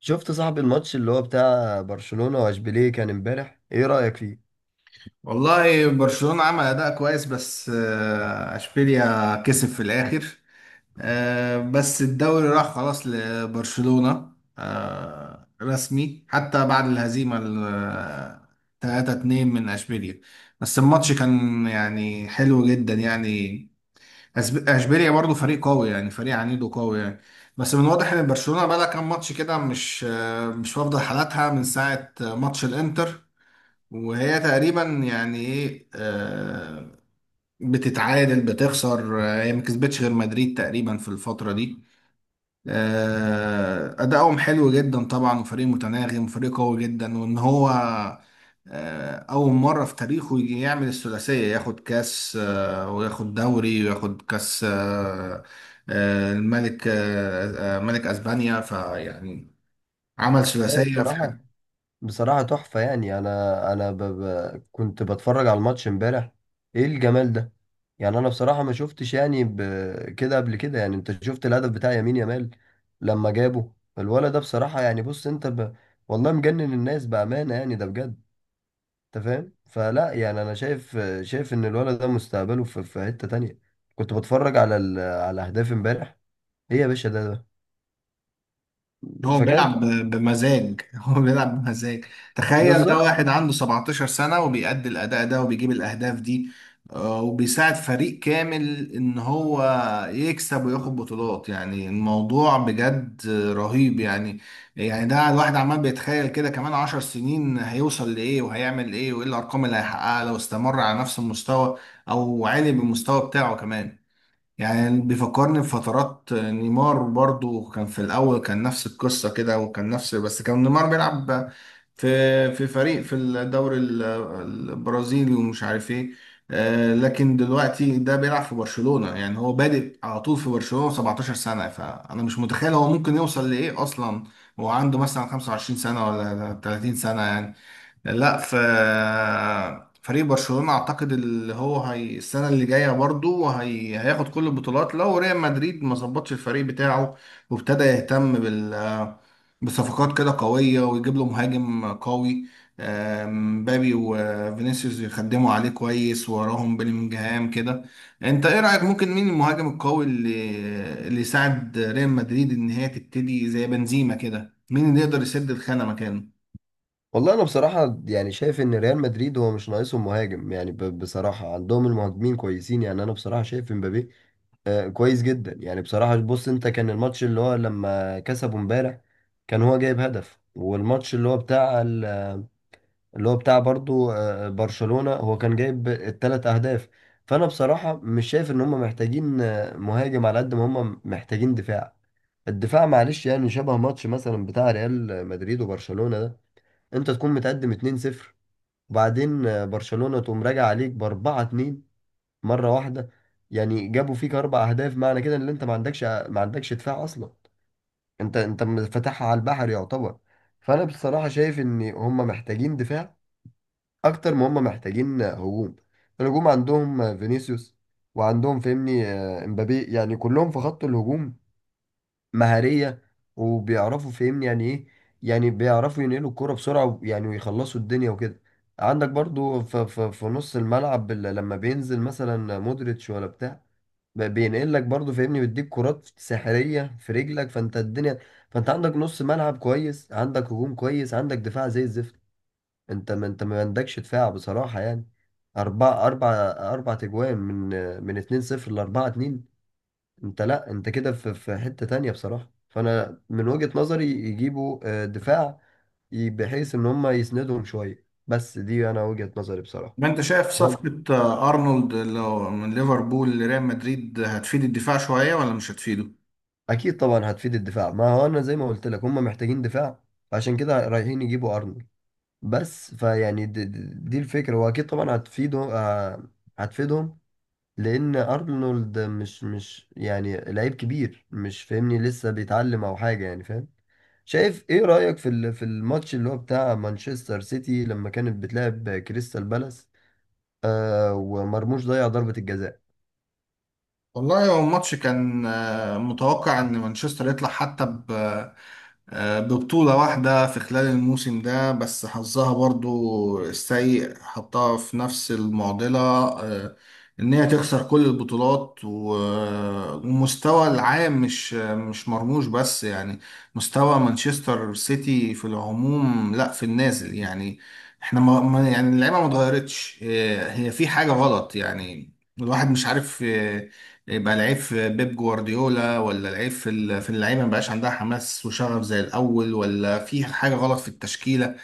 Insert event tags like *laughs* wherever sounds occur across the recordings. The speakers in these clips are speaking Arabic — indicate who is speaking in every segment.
Speaker 1: شفت صاحب الماتش اللي هو بتاع برشلونة واشبيليه كان امبارح، ايه رأيك فيه؟
Speaker 2: والله برشلونة عمل أداء كويس بس أشبيليا كسب في الآخر. بس الدوري راح خلاص لبرشلونة، رسمي حتى بعد الهزيمة ال 3-2 من أشبيليا. بس الماتش كان يعني حلو جدا يعني. أشبيليا برضو فريق قوي يعني، فريق عنيد وقوي يعني. بس من واضح إن برشلونة بقى لها كام ماتش كده مش مش واخدة حالاتها من ساعة ماتش الإنتر، وهي تقريبا يعني ايه بتتعادل بتخسر. هي ما كسبتش غير مدريد تقريبا في الفترة دي. أدائهم حلو جدا طبعا، وفريق متناغم وفريق قوي جدا، وإن هو أول مرة في تاريخه يجي يعمل الثلاثية، ياخد كاس وياخد دوري وياخد كاس الملك، ملك أسبانيا، فيعني عمل
Speaker 1: هو
Speaker 2: ثلاثية.
Speaker 1: بصراحة تحفة. يعني انا انا ب... ب... كنت بتفرج على الماتش امبارح. ايه الجمال ده! يعني انا بصراحة ما شفتش كده قبل كده. يعني انت شفت الهدف بتاع يمين يامال لما جابه الولد ده، بصراحة، يعني بص انت. والله مجنن الناس بأمانة، يعني ده بجد. انت فاهم؟ فلا يعني انا شايف شايف ان الولد ده مستقبله في حتة تانية. كنت بتفرج على اهداف امبارح. ايه يا باشا ده.
Speaker 2: هو
Speaker 1: فكانت
Speaker 2: بيلعب بمزاج *laughs* هو بيلعب بمزاج. تخيل ده
Speaker 1: بالظبط.
Speaker 2: واحد عنده 17 سنة وبيأدي الأداء ده وبيجيب الأهداف دي، وبيساعد فريق كامل إن هو يكسب وياخد بطولات. يعني الموضوع بجد رهيب يعني. يعني ده الواحد عمال بيتخيل كده كمان 10 سنين هيوصل لإيه وهيعمل إيه، وإيه الأرقام اللي هيحققها لو استمر على نفس المستوى أو عالي بالمستوى بتاعه كمان. يعني بيفكرني بفترات نيمار، برضو كان في الأول كان نفس القصة كده وكان نفس، بس كان نيمار بيلعب في فريق في الدوري البرازيلي ومش عارف ايه. لكن دلوقتي ده بيلعب في برشلونة، يعني هو بادئ على طول في برشلونة 17 سنة، فأنا مش متخيل هو ممكن يوصل لإيه أصلا وهو عنده مثلا 25 سنة ولا 30 سنة يعني. لا، في فريق برشلونة اعتقد اللي هو هي السنة اللي جاية برضو هي هياخد كل البطولات لو ريال مدريد ما ظبطش الفريق بتاعه وابتدى يهتم بصفقات كده قوية ويجيب له مهاجم قوي. مبابي وفينيسيوس يخدموا عليه كويس وراهم بلينجهام كده. انت ايه رأيك؟ ممكن مين المهاجم القوي اللي اللي يساعد ريال مدريد ان هي تبتدي زي بنزيما كده؟ مين اللي يقدر يسد الخانة مكانه؟
Speaker 1: والله انا بصراحه يعني شايف ان ريال مدريد هو مش ناقصهم مهاجم، يعني بصراحه عندهم المهاجمين كويسين. يعني انا بصراحه شايف امبابي كويس جدا. يعني بصراحه بص انت، كان الماتش اللي هو لما كسبوا امبارح كان هو جايب هدف، والماتش اللي هو بتاع اللي هو بتاع برضو برشلونه هو كان جايب الثلاث اهداف. فانا بصراحه مش شايف ان هم محتاجين مهاجم على قد ما هم محتاجين دفاع. الدفاع معلش، يعني شبه ماتش مثلا بتاع ريال مدريد وبرشلونة ده، انت تكون متقدم 2-0 وبعدين برشلونة تقوم راجع عليك ب 4-2 مرة واحدة. يعني جابوا فيك اربع اهداف، معنى كده ان انت ما عندكش ما عندكش دفاع اصلا. انت فاتحها على البحر يعتبر. فانا بصراحة شايف ان هم محتاجين دفاع اكتر ما هم محتاجين هجوم. الهجوم عندهم فينيسيوس، وعندهم فهمني امبابي. يعني كلهم في خط الهجوم مهارية، وبيعرفوا فهمني يعني ايه. يعني بيعرفوا ينقلوا الكرة بسرعة يعني ويخلصوا الدنيا وكده. عندك برضو في نص الملعب لما بينزل مثلا مودريتش ولا بتاع، بينقل لك برضو فاهمني، بيديك كرات سحرية في رجلك، فانت الدنيا. فانت عندك نص ملعب كويس، عندك هجوم كويس، عندك دفاع زي الزفت. انت ما عندكش دفاع بصراحة. يعني أربعة أربعة، أربعة تجوان، من 2-0 لـ4-2. انت لا، انت كده في حتة تانية بصراحة. فانا من وجهة نظري يجيبوا دفاع بحيث ان هم يسندهم شوية، بس دي انا وجهة نظري بصراحة.
Speaker 2: ما انت شايف
Speaker 1: تمام.
Speaker 2: صفقة ارنولد لو من ليفربول لريال مدريد هتفيد الدفاع شوية ولا مش هتفيده؟
Speaker 1: اكيد طبعا هتفيد الدفاع، ما هو انا زي ما قلت لك هم محتاجين دفاع، عشان كده رايحين يجيبوا ارنولد. بس فيعني دي الفكرة، واكيد طبعا هتفيده، هتفيدهم، لان ارنولد مش يعني لعيب كبير، مش فاهمني؟ لسه بيتعلم او حاجة، يعني فاهم؟ شايف ايه رأيك في في الماتش اللي هو بتاع مانشستر سيتي لما كانت بتلعب كريستال بالاس، آه، ومرموش ضيع ضربة الجزاء.
Speaker 2: والله هو الماتش كان متوقع ان مانشستر يطلع حتى ببطولة واحدة في خلال الموسم ده، بس حظها برضو السيء حطها في نفس المعضلة. إن هي تخسر كل البطولات، ومستوى العام مش مش مرموش بس يعني، مستوى مانشستر سيتي في العموم لا، في النازل يعني. احنا يعني اللعيبة ما اتغيرتش، هي في حاجة غلط يعني. الواحد مش عارف، يبقى العيب في بيب جوارديولا ولا العيب في في اللعيبه ما بقاش عندها حماس وشغف زي الاول، ولا في حاجه غلط في التشكيله.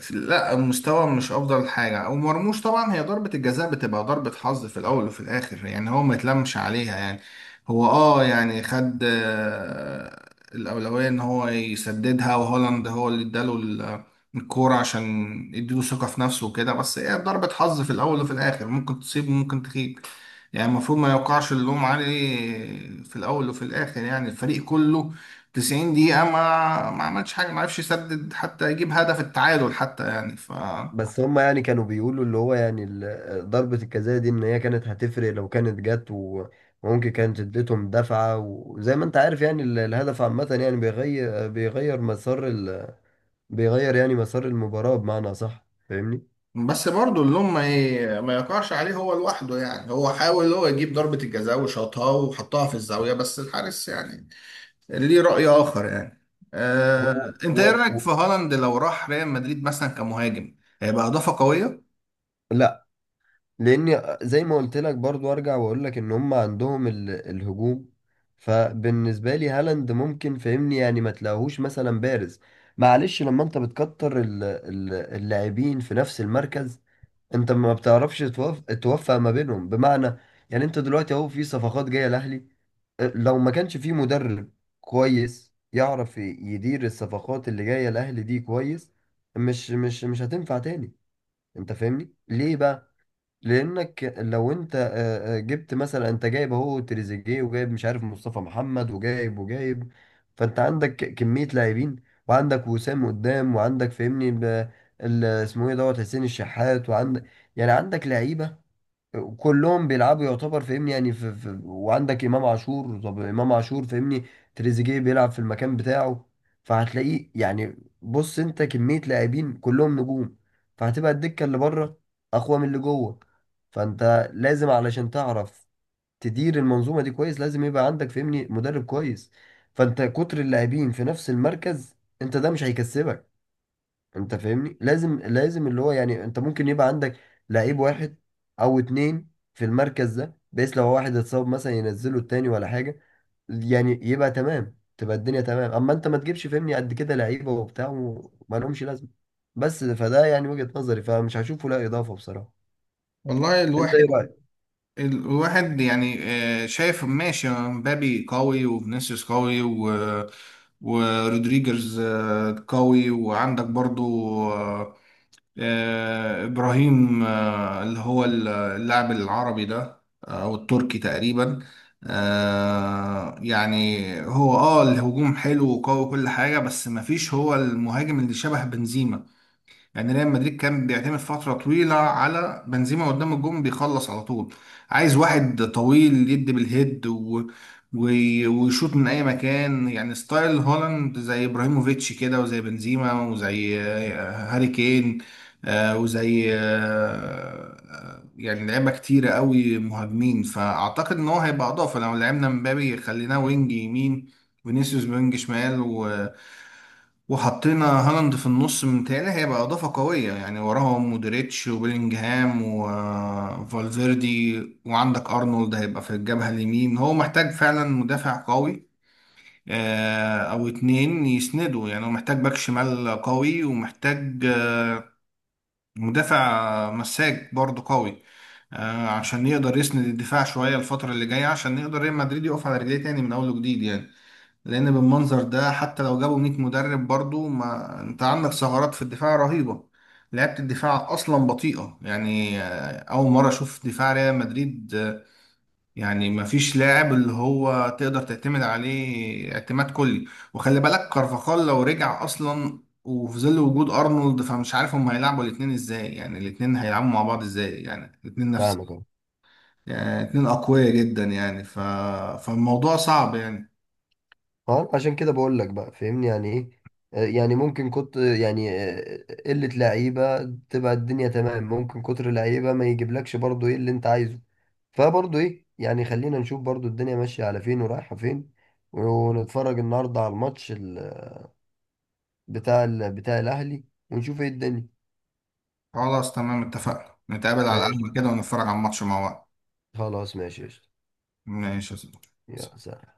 Speaker 2: لا، المستوى مش افضل حاجه. ومرموش طبعا هي ضربه الجزاء بتبقى ضربه حظ في الاول وفي الاخر، يعني هو ما يتلمش عليها يعني. هو اه يعني خد الاولويه ان هو يسددها، وهولاند هو اللي اداله الكوره عشان يديله ثقه في نفسه وكده. بس هي ضربه حظ في الاول وفي الاخر، ممكن تصيب وممكن تخيب. يعني المفروض ما يوقعش اللوم عليه. في الاول وفي الاخر يعني الفريق كله 90 دقيقة ما عملش حاجة، ما عرفش يسدد حتى يجيب هدف التعادل حتى يعني ف.
Speaker 1: بس هم يعني كانوا بيقولوا اللي هو يعني ضربة الجزاء دي ان هي كانت هتفرق لو كانت جت، وممكن كانت اديتهم دفعة. وزي ما انت عارف يعني الهدف عامة يعني بيغير مسار بيغير يعني مسار المباراة، بمعنى صح فاهمني؟
Speaker 2: بس برضه اللوم ما يقعش عليه هو لوحده. يعني هو حاول هو يجيب ضربة الجزاء وشاطها وحطها في الزاوية، بس الحارس يعني ليه رأي آخر يعني.
Speaker 1: طب
Speaker 2: انت ايه رأيك في هالاند لو راح ريال مدريد مثلا كمهاجم؟ هيبقى إضافة قوية؟
Speaker 1: لا، لان زي ما قلت لك برضو ارجع واقول لك ان هم عندهم الهجوم. فبالنسبه لي هالاند ممكن فهمني يعني ما تلاقوهوش مثلا بارز. معلش لما انت بتكتر اللاعبين في نفس المركز، انت ما بتعرفش توفق ما بينهم، بمعنى يعني انت دلوقتي اهو في صفقات جايه الاهلي، أه، لو ما كانش في مدرب كويس يعرف يدير الصفقات اللي جايه الاهلي دي كويس، مش هتنفع تاني. انت فاهمني ليه بقى؟ لانك لو انت جبت مثلا، انت جايب اهو تريزيجيه وجايب مش عارف مصطفى محمد وجايب وجايب. فانت عندك كميه لاعبين، وعندك وسام قدام، وعندك فهمني اسمه ايه دوت حسين الشحات، وعندك يعني عندك لعيبه كلهم بيلعبوا يعتبر فاهمني، يعني في وعندك امام عاشور. طب امام عاشور فاهمني، تريزيجيه بيلعب في المكان بتاعه، فهتلاقيه يعني. بص انت كميه لاعبين كلهم نجوم، فهتبقى الدكه اللي بره اقوى من اللي جوه. فانت لازم علشان تعرف تدير المنظومه دي كويس، لازم يبقى عندك فاهمني مدرب كويس. فانت كتر اللاعبين في نفس المركز، انت ده مش هيكسبك. انت فاهمني لازم لازم اللي هو يعني انت ممكن يبقى عندك لعيب واحد او اتنين في المركز ده، بحيث لو واحد اتصاب مثلا ينزله التاني ولا حاجة، يعني يبقى تمام، تبقى الدنيا تمام. اما انت ما تجيبش فهمني قد كده لعيبة وبتاع وما لهمش لازمة، بس فده يعني وجهة نظري، فمش هشوفه لا اضافة بصراحة.
Speaker 2: والله
Speaker 1: انت ايه رأيك؟
Speaker 2: الواحد يعني شايف ماشي، مبابي قوي وفينيسيوس قوي ورودريجرز قوي، وعندك برضو آه، إبراهيم اللي هو اللاعب العربي ده، أو التركي تقريبا. يعني هو اه الهجوم حلو وقوي وكل حاجة، بس مفيش هو المهاجم اللي شبه بنزيما. يعني ريال مدريد كان بيعتمد فترة طويلة على بنزيما قدام الجون بيخلص على طول. عايز واحد طويل يدي بالهيد و... ويشوط من أي مكان، يعني ستايل هولاند زي إبراهيموفيتش كده وزي بنزيما وزي هاري كين، آه، وزي آه، آه، يعني لعيبة كتيرة قوي مهاجمين. فأعتقد إن هو هيبقى إضافة لو لعبنا مبابي خليناه وينج يمين، فينيسيوس وينج شمال، وحطينا هالاند في النص، متهيألي هيبقى إضافة قوية يعني. وراهم مودريتش وبيلينجهام وفالفيردي وعندك أرنولد هيبقى في الجبهة اليمين. هو محتاج فعلا مدافع قوي، أو اتنين يسندوا. يعني هو محتاج باك شمال قوي، ومحتاج مدافع مساك برضه قوي، عشان يقدر يسند الدفاع شوية الفترة اللي جاية، عشان يقدر ريال مدريد يقف على رجليه تاني من أول وجديد يعني. لان بالمنظر ده حتى لو جابوا 100 مدرب، برضو ما انت عندك ثغرات في الدفاع رهيبه. لعبة الدفاع اصلا بطيئه يعني، اول مره اشوف دفاع ريال مدريد، يعني ما فيش لاعب اللي هو تقدر تعتمد عليه اعتماد كلي. وخلي بالك كارفاخال لو رجع اصلا، وفي ظل وجود ارنولد فمش عارف هم هيلعبوا الاثنين ازاي. يعني الاثنين هيلعبوا مع بعض ازاي يعني الاثنين
Speaker 1: فاهمك
Speaker 2: نفس،
Speaker 1: اهو.
Speaker 2: يعني الاثنين اقوياء جدا يعني فالموضوع صعب يعني.
Speaker 1: اه عشان كده بقول لك بقى فهمني يعني ايه. يعني ممكن كنت يعني قلة لعيبة تبقى الدنيا تمام، ممكن كتر لعيبة ما يجيبلكش برضو ايه اللي انت عايزه. فبرضه ايه يعني خلينا نشوف برضه الدنيا ماشية على فين ورايحة فين، ونتفرج النهاردة على الماتش بتاع بتاع الأهلي، ونشوف ايه الدنيا.
Speaker 2: خلاص تمام، اتفقنا نتقابل على
Speaker 1: ماشي.
Speaker 2: القهوة كده ونتفرج على الماتش مع بعض.
Speaker 1: خلاص ماشي قشطة.
Speaker 2: ماشي يا صديقي.
Speaker 1: يا سلام.